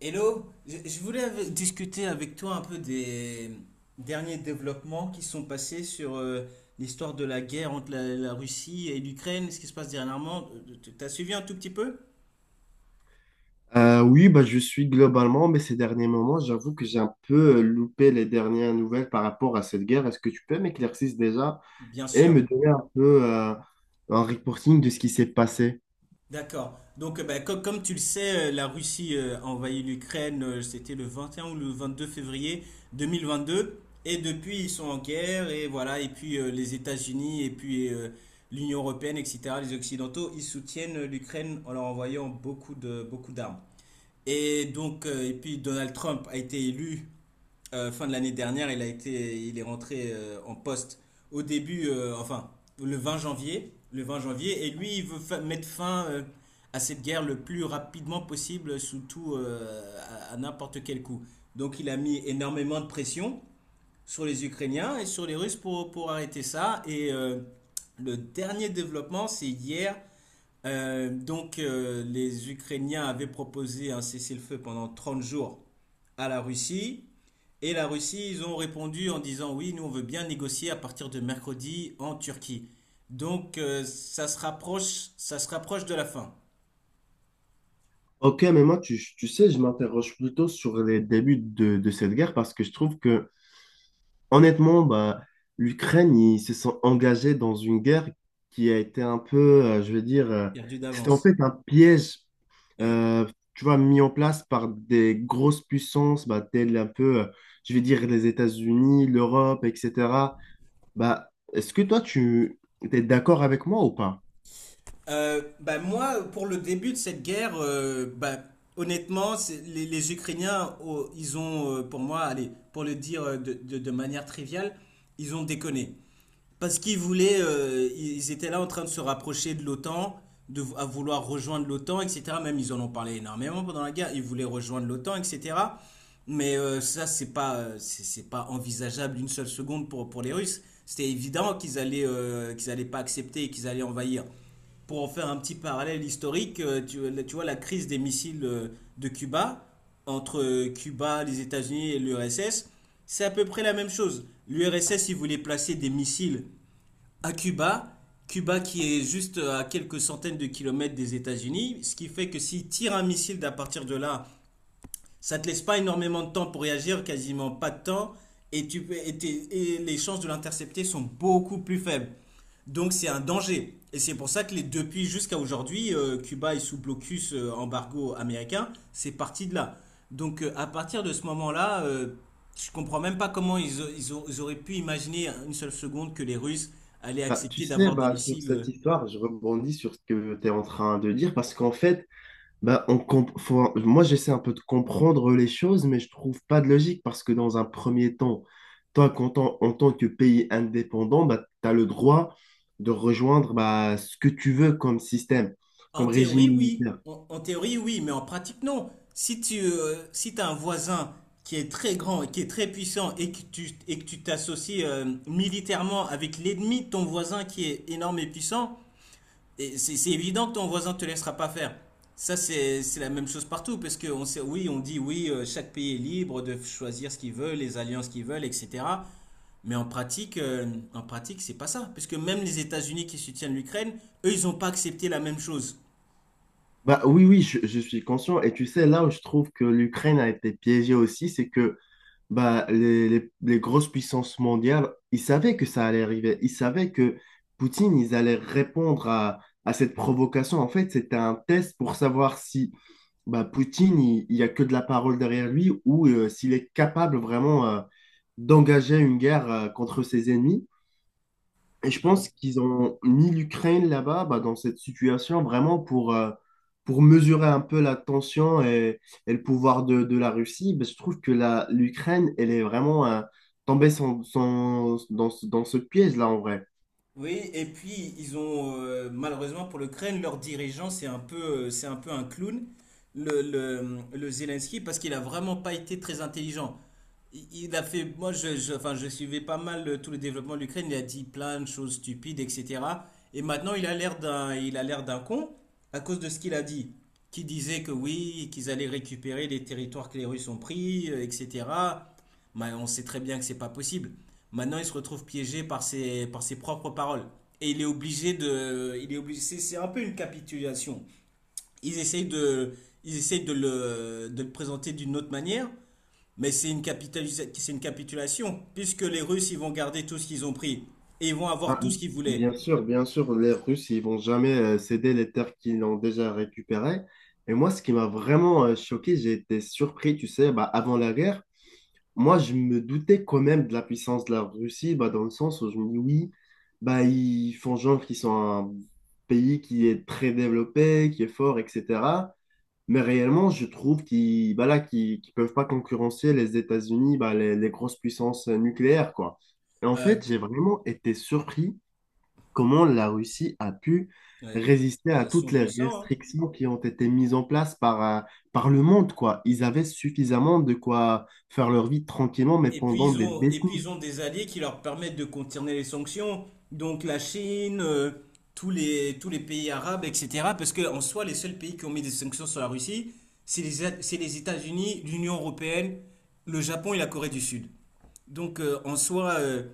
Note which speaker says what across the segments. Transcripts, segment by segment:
Speaker 1: Hello, je voulais discuter avec toi un peu des derniers développements qui sont passés sur l'histoire de la guerre entre la Russie et l'Ukraine, ce qui se passe dernièrement. T'as suivi un tout petit peu?
Speaker 2: Oui, bah, je suis globalement, mais ces derniers moments, j'avoue que j'ai un peu loupé les dernières nouvelles par rapport à cette guerre. Est-ce que tu peux m'éclaircir déjà
Speaker 1: Bien
Speaker 2: et me
Speaker 1: sûr.
Speaker 2: donner un peu un reporting de ce qui s'est passé?
Speaker 1: D'accord. Donc, bah, comme, tu le sais, la Russie a envahi l'Ukraine, c'était le 21 ou le 22 février 2022. Et depuis, ils sont en guerre. Et voilà. Et puis, les États-Unis et puis l'Union européenne, etc., les Occidentaux, ils soutiennent l'Ukraine en leur envoyant beaucoup d'armes. Et donc, et puis Donald Trump a été élu fin de l'année dernière, il est rentré en poste au début, enfin le 20 janvier, le 20 janvier, et lui il veut mettre fin à cette guerre le plus rapidement possible, sous tout à n'importe quel coup. Donc il a mis énormément de pression sur les Ukrainiens et sur les Russes pour arrêter ça. Et le dernier développement, c'est hier donc, les Ukrainiens avaient proposé un cessez-le-feu pendant 30 jours à la Russie. Et la Russie, ils ont répondu en disant oui, nous on veut bien négocier à partir de mercredi en Turquie. Donc, ça se rapproche de la fin.
Speaker 2: Ok, mais moi, tu sais, je m'interroge plutôt sur les débuts de cette guerre parce que je trouve que, honnêtement, bah, l'Ukraine, ils se sont engagés dans une guerre qui a été un peu, je veux dire,
Speaker 1: Perdu
Speaker 2: c'était en
Speaker 1: d'avance.
Speaker 2: fait un piège
Speaker 1: Oui.
Speaker 2: euh, tu vois, mis en place par des grosses puissances, bah, telles un peu, je vais dire, les États-Unis, l'Europe, etc. Bah, est-ce que toi, tu es d'accord avec moi ou pas?
Speaker 1: Bah, moi, pour le début de cette guerre, bah, honnêtement, les Ukrainiens, oh, ils ont, pour moi, allez, pour le dire de manière triviale, ils ont déconné. Parce qu'ils voulaient, ils étaient là en train de se rapprocher de l'OTAN, de à vouloir rejoindre l'OTAN, etc. Même ils en ont parlé énormément pendant la guerre. Ils voulaient rejoindre l'OTAN, etc. Mais ça, c'est pas, c'est pas envisageable une seule seconde pour les Russes. C'était évident qu'ils allaient pas accepter et qu'ils allaient envahir. Pour en faire un petit parallèle historique, tu vois la crise des missiles de Cuba, entre Cuba, les États-Unis et l'URSS, c'est à peu près la même chose. L'URSS, il voulait placer des missiles à Cuba, Cuba qui est juste à quelques centaines de kilomètres des États-Unis, ce qui fait que s'il tire un missile d'à partir de là ça ne te laisse pas énormément de temps pour réagir, quasiment pas de temps, et, tu, peux- et les chances de l'intercepter sont beaucoup plus faibles. Donc c'est un danger. Et c'est pour ça que les, depuis jusqu'à aujourd'hui, Cuba est sous blocus embargo américain. C'est parti de là. Donc à partir de ce moment-là, je ne comprends même pas comment ils auraient pu imaginer une seule seconde que les Russes allaient
Speaker 2: Bah, tu
Speaker 1: accepter
Speaker 2: sais,
Speaker 1: d'avoir des
Speaker 2: bah, sur
Speaker 1: missiles.
Speaker 2: cette histoire, je rebondis sur ce que tu es en train de dire, parce qu'en fait, bah, on comp- faut- moi, j'essaie un peu de comprendre les choses, mais je trouve pas de logique parce que dans un premier temps, toi, qu'en tant- en tant que pays indépendant, bah, tu as le droit de rejoindre bah, ce que tu veux comme système,
Speaker 1: En
Speaker 2: comme régime
Speaker 1: théorie, oui.
Speaker 2: militaire.
Speaker 1: En théorie, oui, mais en pratique, non. Si t'as un voisin qui est très grand et qui est très puissant et et que tu t'associes militairement avec l'ennemi de ton voisin qui est énorme et puissant, et c'est évident que ton voisin te laissera pas faire. Ça, c'est la même chose partout, parce que on sait, oui, on dit oui, chaque pays est libre de choisir ce qu'il veut, les alliances qu'il veut, etc. Mais en pratique, c'est pas ça. Parce que même les États-Unis qui soutiennent l'Ukraine, eux, ils n'ont pas accepté la même chose.
Speaker 2: Bah, oui, oui, je suis conscient. Et tu sais, là où je trouve que l'Ukraine a été piégée aussi, c'est que bah, les grosses puissances mondiales, ils savaient que ça allait arriver. Ils savaient que Poutine, ils allaient répondre à cette provocation. En fait, c'était un test pour savoir si bah, Poutine, il n'y a que de la parole derrière lui ou s'il est capable vraiment d'engager une guerre contre ses ennemis. Et je pense qu'ils ont mis l'Ukraine là-bas, bah, dans cette situation, vraiment pour mesurer un peu la tension et le pouvoir de la Russie. Bah, je trouve que la, l'Ukraine, elle est vraiment tombée dans, dans ce piège-là, en vrai.
Speaker 1: Oui, et puis ils ont malheureusement pour l'Ukraine, leur dirigeant, c'est un peu un clown, le Zelensky, parce qu'il a vraiment pas été très intelligent. Il a fait, enfin, je suivais pas mal tout le développement de l'Ukraine, il a dit plein de choses stupides, etc. Et maintenant il a l'air d'un con à cause de ce qu'il a dit, qui disait que oui, qu'ils allaient récupérer les territoires que les Russes ont pris, etc. Mais on sait très bien que c'est pas possible. Maintenant il se retrouve piégé par ses propres paroles. Et il est obligé, c'est un peu une capitulation. Ils essayent de, ils essayent de le présenter d'une autre manière. Mais c'est une capitulation, puisque les Russes, ils vont garder tout ce qu'ils ont pris, et ils vont avoir
Speaker 2: Bah,
Speaker 1: tout ce qu'ils voulaient.
Speaker 2: bien sûr, les Russes, ils vont jamais céder les terres qu'ils ont déjà récupérées. Et moi, ce qui m'a vraiment choqué, j'ai été surpris, tu sais, bah, avant la guerre. Moi, je me doutais quand même de la puissance de la Russie, bah, dans le sens où je me dis oui, bah, ils font genre qu'ils sont un pays qui est très développé, qui est fort, etc. Mais réellement, je trouve qu'ils bah, là, qu'ils peuvent pas concurrencer les États-Unis, bah, les grosses puissances nucléaires, quoi. Et en
Speaker 1: Euh,
Speaker 2: fait, j'ai vraiment été surpris comment la Russie a pu
Speaker 1: ouais.
Speaker 2: résister
Speaker 1: Ah,
Speaker 2: à
Speaker 1: ils
Speaker 2: toutes
Speaker 1: sont
Speaker 2: les
Speaker 1: puissants, hein.
Speaker 2: restrictions qui ont été mises en place par, par le monde, quoi. Ils avaient suffisamment de quoi faire leur vie tranquillement, mais
Speaker 1: Et puis
Speaker 2: pendant
Speaker 1: ils
Speaker 2: des
Speaker 1: ont, et puis ils
Speaker 2: décennies.
Speaker 1: ont des alliés qui leur permettent de contourner les sanctions, donc la Chine, tous les pays arabes, etc. Parce que en soi, les seuls pays qui ont mis des sanctions sur la Russie, c'est les États-Unis, l'Union européenne, le Japon et la Corée du Sud. Donc en soi,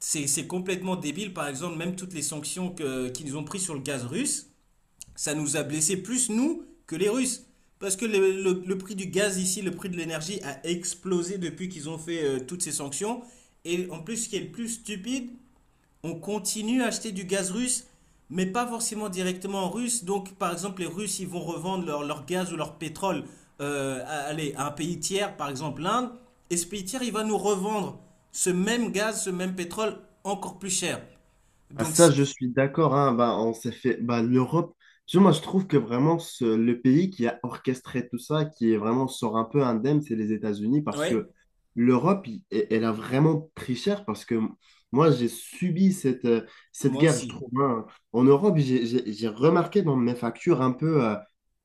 Speaker 1: c'est complètement débile. Par exemple, même toutes les sanctions que- qu'ils qu ont prises sur le gaz russe, ça nous a blessé plus, nous, que les Russes. Parce que le prix du gaz ici, le prix de l'énergie a explosé depuis qu'ils ont fait toutes ces sanctions. Et en plus, ce qui est le plus stupide, on continue à acheter du gaz russe, mais pas forcément directement en russe. Donc, par exemple, les Russes, ils vont revendre leur gaz ou leur pétrole à, allez, à un pays tiers, par exemple l'Inde. Et ce pays tiers, il va nous revendre ce même gaz, ce même pétrole encore plus cher.
Speaker 2: Ah,
Speaker 1: Donc,
Speaker 2: ça,
Speaker 1: c'est.
Speaker 2: je suis d'accord, hein. Bah, on s'est fait bah, l'Europe. Tu vois, moi, je trouve que vraiment le pays qui a orchestré tout ça, qui est vraiment sort un peu indemne, c'est les États-Unis parce que
Speaker 1: Ouais,
Speaker 2: l'Europe, elle a vraiment pris cher parce que moi, j'ai subi cette, cette
Speaker 1: moi
Speaker 2: guerre, je
Speaker 1: aussi.
Speaker 2: trouve, hein. En Europe, j'ai remarqué dans mes factures un peu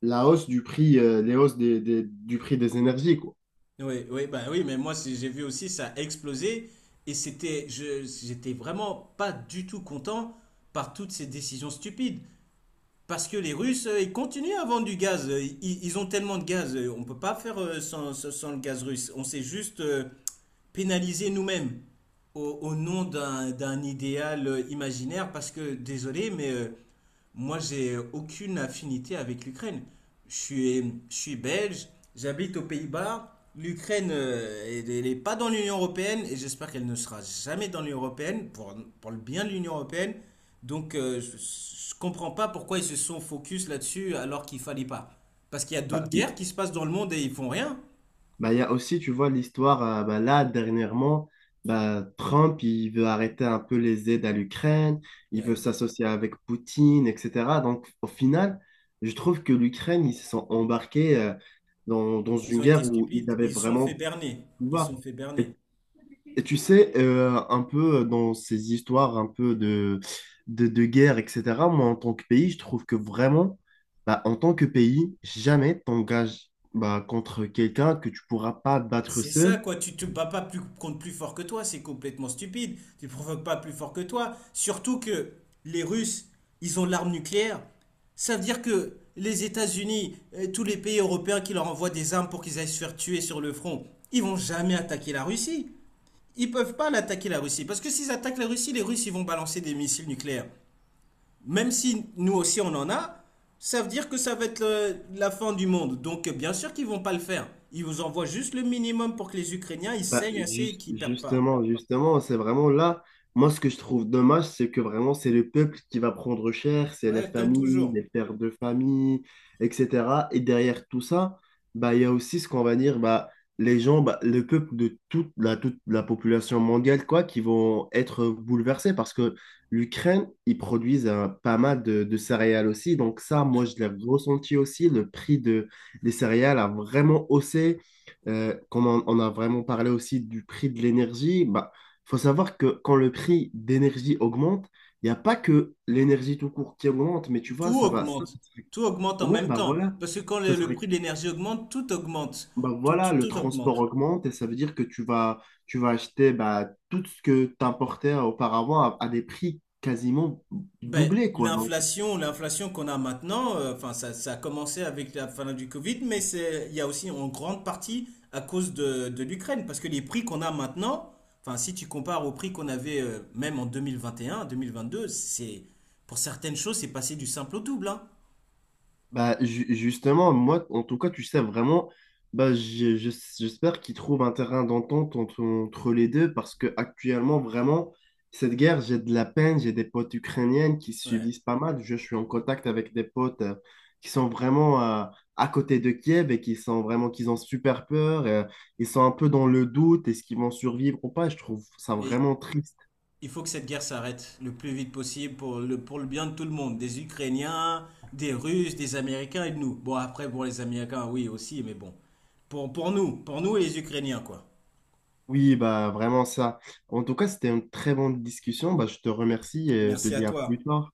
Speaker 2: la hausse du prix, les hausses des, du prix des énergies, quoi.
Speaker 1: Oui, oui, bah oui, mais moi, j'ai vu aussi, ça a explosé. Et j'étais vraiment pas du tout content par toutes ces décisions stupides. Parce que les Russes, ils continuent à vendre du gaz. Ils ont tellement de gaz. On ne peut pas faire sans le gaz russe. On s'est juste pénalisé nous-mêmes au nom d'un idéal imaginaire. Parce que, désolé, mais moi, j'ai aucune affinité avec l'Ukraine. Je suis belge, j'habite aux Pays-Bas. L'Ukraine n'est pas dans l'Union européenne et j'espère qu'elle ne sera jamais dans l'Union européenne pour, le bien de l'Union européenne. Donc, je ne comprends pas pourquoi ils se sont focus là-dessus alors qu'il ne fallait pas. Parce qu'il y a
Speaker 2: Bah,
Speaker 1: d'autres guerres qui se passent dans le monde et ils font rien.
Speaker 2: Bah, il y a aussi, tu vois, l'histoire, bah, là, dernièrement, bah, Trump, il veut arrêter un peu les aides à l'Ukraine, il veut
Speaker 1: Ouais.
Speaker 2: s'associer avec Poutine, etc. Donc, au final, je trouve que l'Ukraine, ils se sont embarqués, dans, dans
Speaker 1: Ils
Speaker 2: une
Speaker 1: ont été
Speaker 2: guerre où ils
Speaker 1: stupides.
Speaker 2: avaient
Speaker 1: Ils se sont
Speaker 2: vraiment
Speaker 1: fait
Speaker 2: le
Speaker 1: berner. Ils se sont
Speaker 2: pouvoir.
Speaker 1: fait berner.
Speaker 2: Et et tu sais, un peu dans ces histoires un peu de guerre, etc., moi, en tant que pays, je trouve que vraiment, bah, en tant que pays, jamais t'engages bah, contre quelqu'un que tu pourras pas battre
Speaker 1: C'est ça,
Speaker 2: seul.
Speaker 1: quoi. Tu te bats pas plus contre plus fort que toi. C'est complètement stupide. Tu provoques pas plus fort que toi. Surtout que les Russes, ils ont l'arme nucléaire. Ça veut dire que les États-Unis, tous les pays européens qui leur envoient des armes pour qu'ils aillent se faire tuer sur le front, ils vont jamais attaquer la Russie. Ils peuvent pas l'attaquer la Russie. Parce que s'ils attaquent la Russie, les Russes, ils vont balancer des missiles nucléaires même si nous aussi on en a, ça veut dire que ça va être la fin du monde. Donc bien sûr qu'ils vont pas le faire. Ils vous envoient juste le minimum pour que les Ukrainiens ils
Speaker 2: Bah,
Speaker 1: saignent assez et qu'ils perdent pas.
Speaker 2: justement, justement, c'est vraiment là. Moi, ce que je trouve dommage, c'est que vraiment, c'est le peuple qui va prendre cher, c'est les
Speaker 1: Ouais, comme
Speaker 2: familles, les
Speaker 1: toujours.
Speaker 2: pères de famille, etc. Et derrière tout ça, bah, il y a aussi ce qu'on va dire, bah, les gens, bah, le peuple de toute la population mondiale, quoi, qui vont être bouleversés parce que l'Ukraine, ils produisent pas mal de céréales aussi. Donc ça, moi,
Speaker 1: Ouais.
Speaker 2: je l'ai ressenti aussi. Le prix de, des céréales a vraiment haussé. Comme on a vraiment parlé aussi du prix de l'énergie, bah, faut savoir que quand le prix d'énergie augmente, il n'y a pas que l'énergie tout court qui augmente, mais tu vois,
Speaker 1: Tout
Speaker 2: ça va. Ça,
Speaker 1: augmente. Tout augmente en
Speaker 2: ouais,
Speaker 1: même
Speaker 2: bah
Speaker 1: temps.
Speaker 2: voilà.
Speaker 1: Parce que quand
Speaker 2: Ça
Speaker 1: le
Speaker 2: serait,
Speaker 1: prix de l'énergie augmente.
Speaker 2: bah
Speaker 1: Tout,
Speaker 2: voilà,
Speaker 1: tout,
Speaker 2: le
Speaker 1: tout
Speaker 2: transport
Speaker 1: augmente.
Speaker 2: augmente et ça veut dire que tu vas acheter bah, tout ce que tu importais auparavant à des prix quasiment
Speaker 1: Ben,
Speaker 2: doublés, quoi.
Speaker 1: l'inflation qu'on a maintenant, enfin, ça a commencé avec la fin du Covid, mais c'est, il y a aussi en grande partie à cause de l'Ukraine, parce que les prix qu'on a maintenant, enfin, si tu compares aux prix qu'on avait même en 2021, 2022, c'est, pour certaines choses, c'est passé du simple au double, hein.
Speaker 2: Bah, justement, moi, en tout cas, tu sais, vraiment, bah, j'espère qu'ils trouvent un terrain d'entente entre, entre les deux parce que actuellement, vraiment, cette guerre, j'ai de la peine, j'ai des potes ukrainiennes qui
Speaker 1: Ouais.
Speaker 2: subissent pas mal. Je suis en contact avec des potes qui sont vraiment à côté de Kiev et qui sont vraiment, qu'ils ont super peur, ils sont un peu dans le doute, est-ce qu'ils vont survivre ou pas? Je trouve ça
Speaker 1: Mais
Speaker 2: vraiment triste.
Speaker 1: il faut que cette guerre s'arrête le plus vite possible pour le bien de tout le monde, des Ukrainiens, des Russes, des Américains et de nous. Bon, après, pour les Américains, oui, aussi, mais bon, pour nous et les Ukrainiens, quoi.
Speaker 2: Oui, bah, vraiment ça. En tout cas, c'était une très bonne discussion. Bah, je te remercie et te
Speaker 1: Merci à
Speaker 2: dis à plus
Speaker 1: toi.
Speaker 2: tard.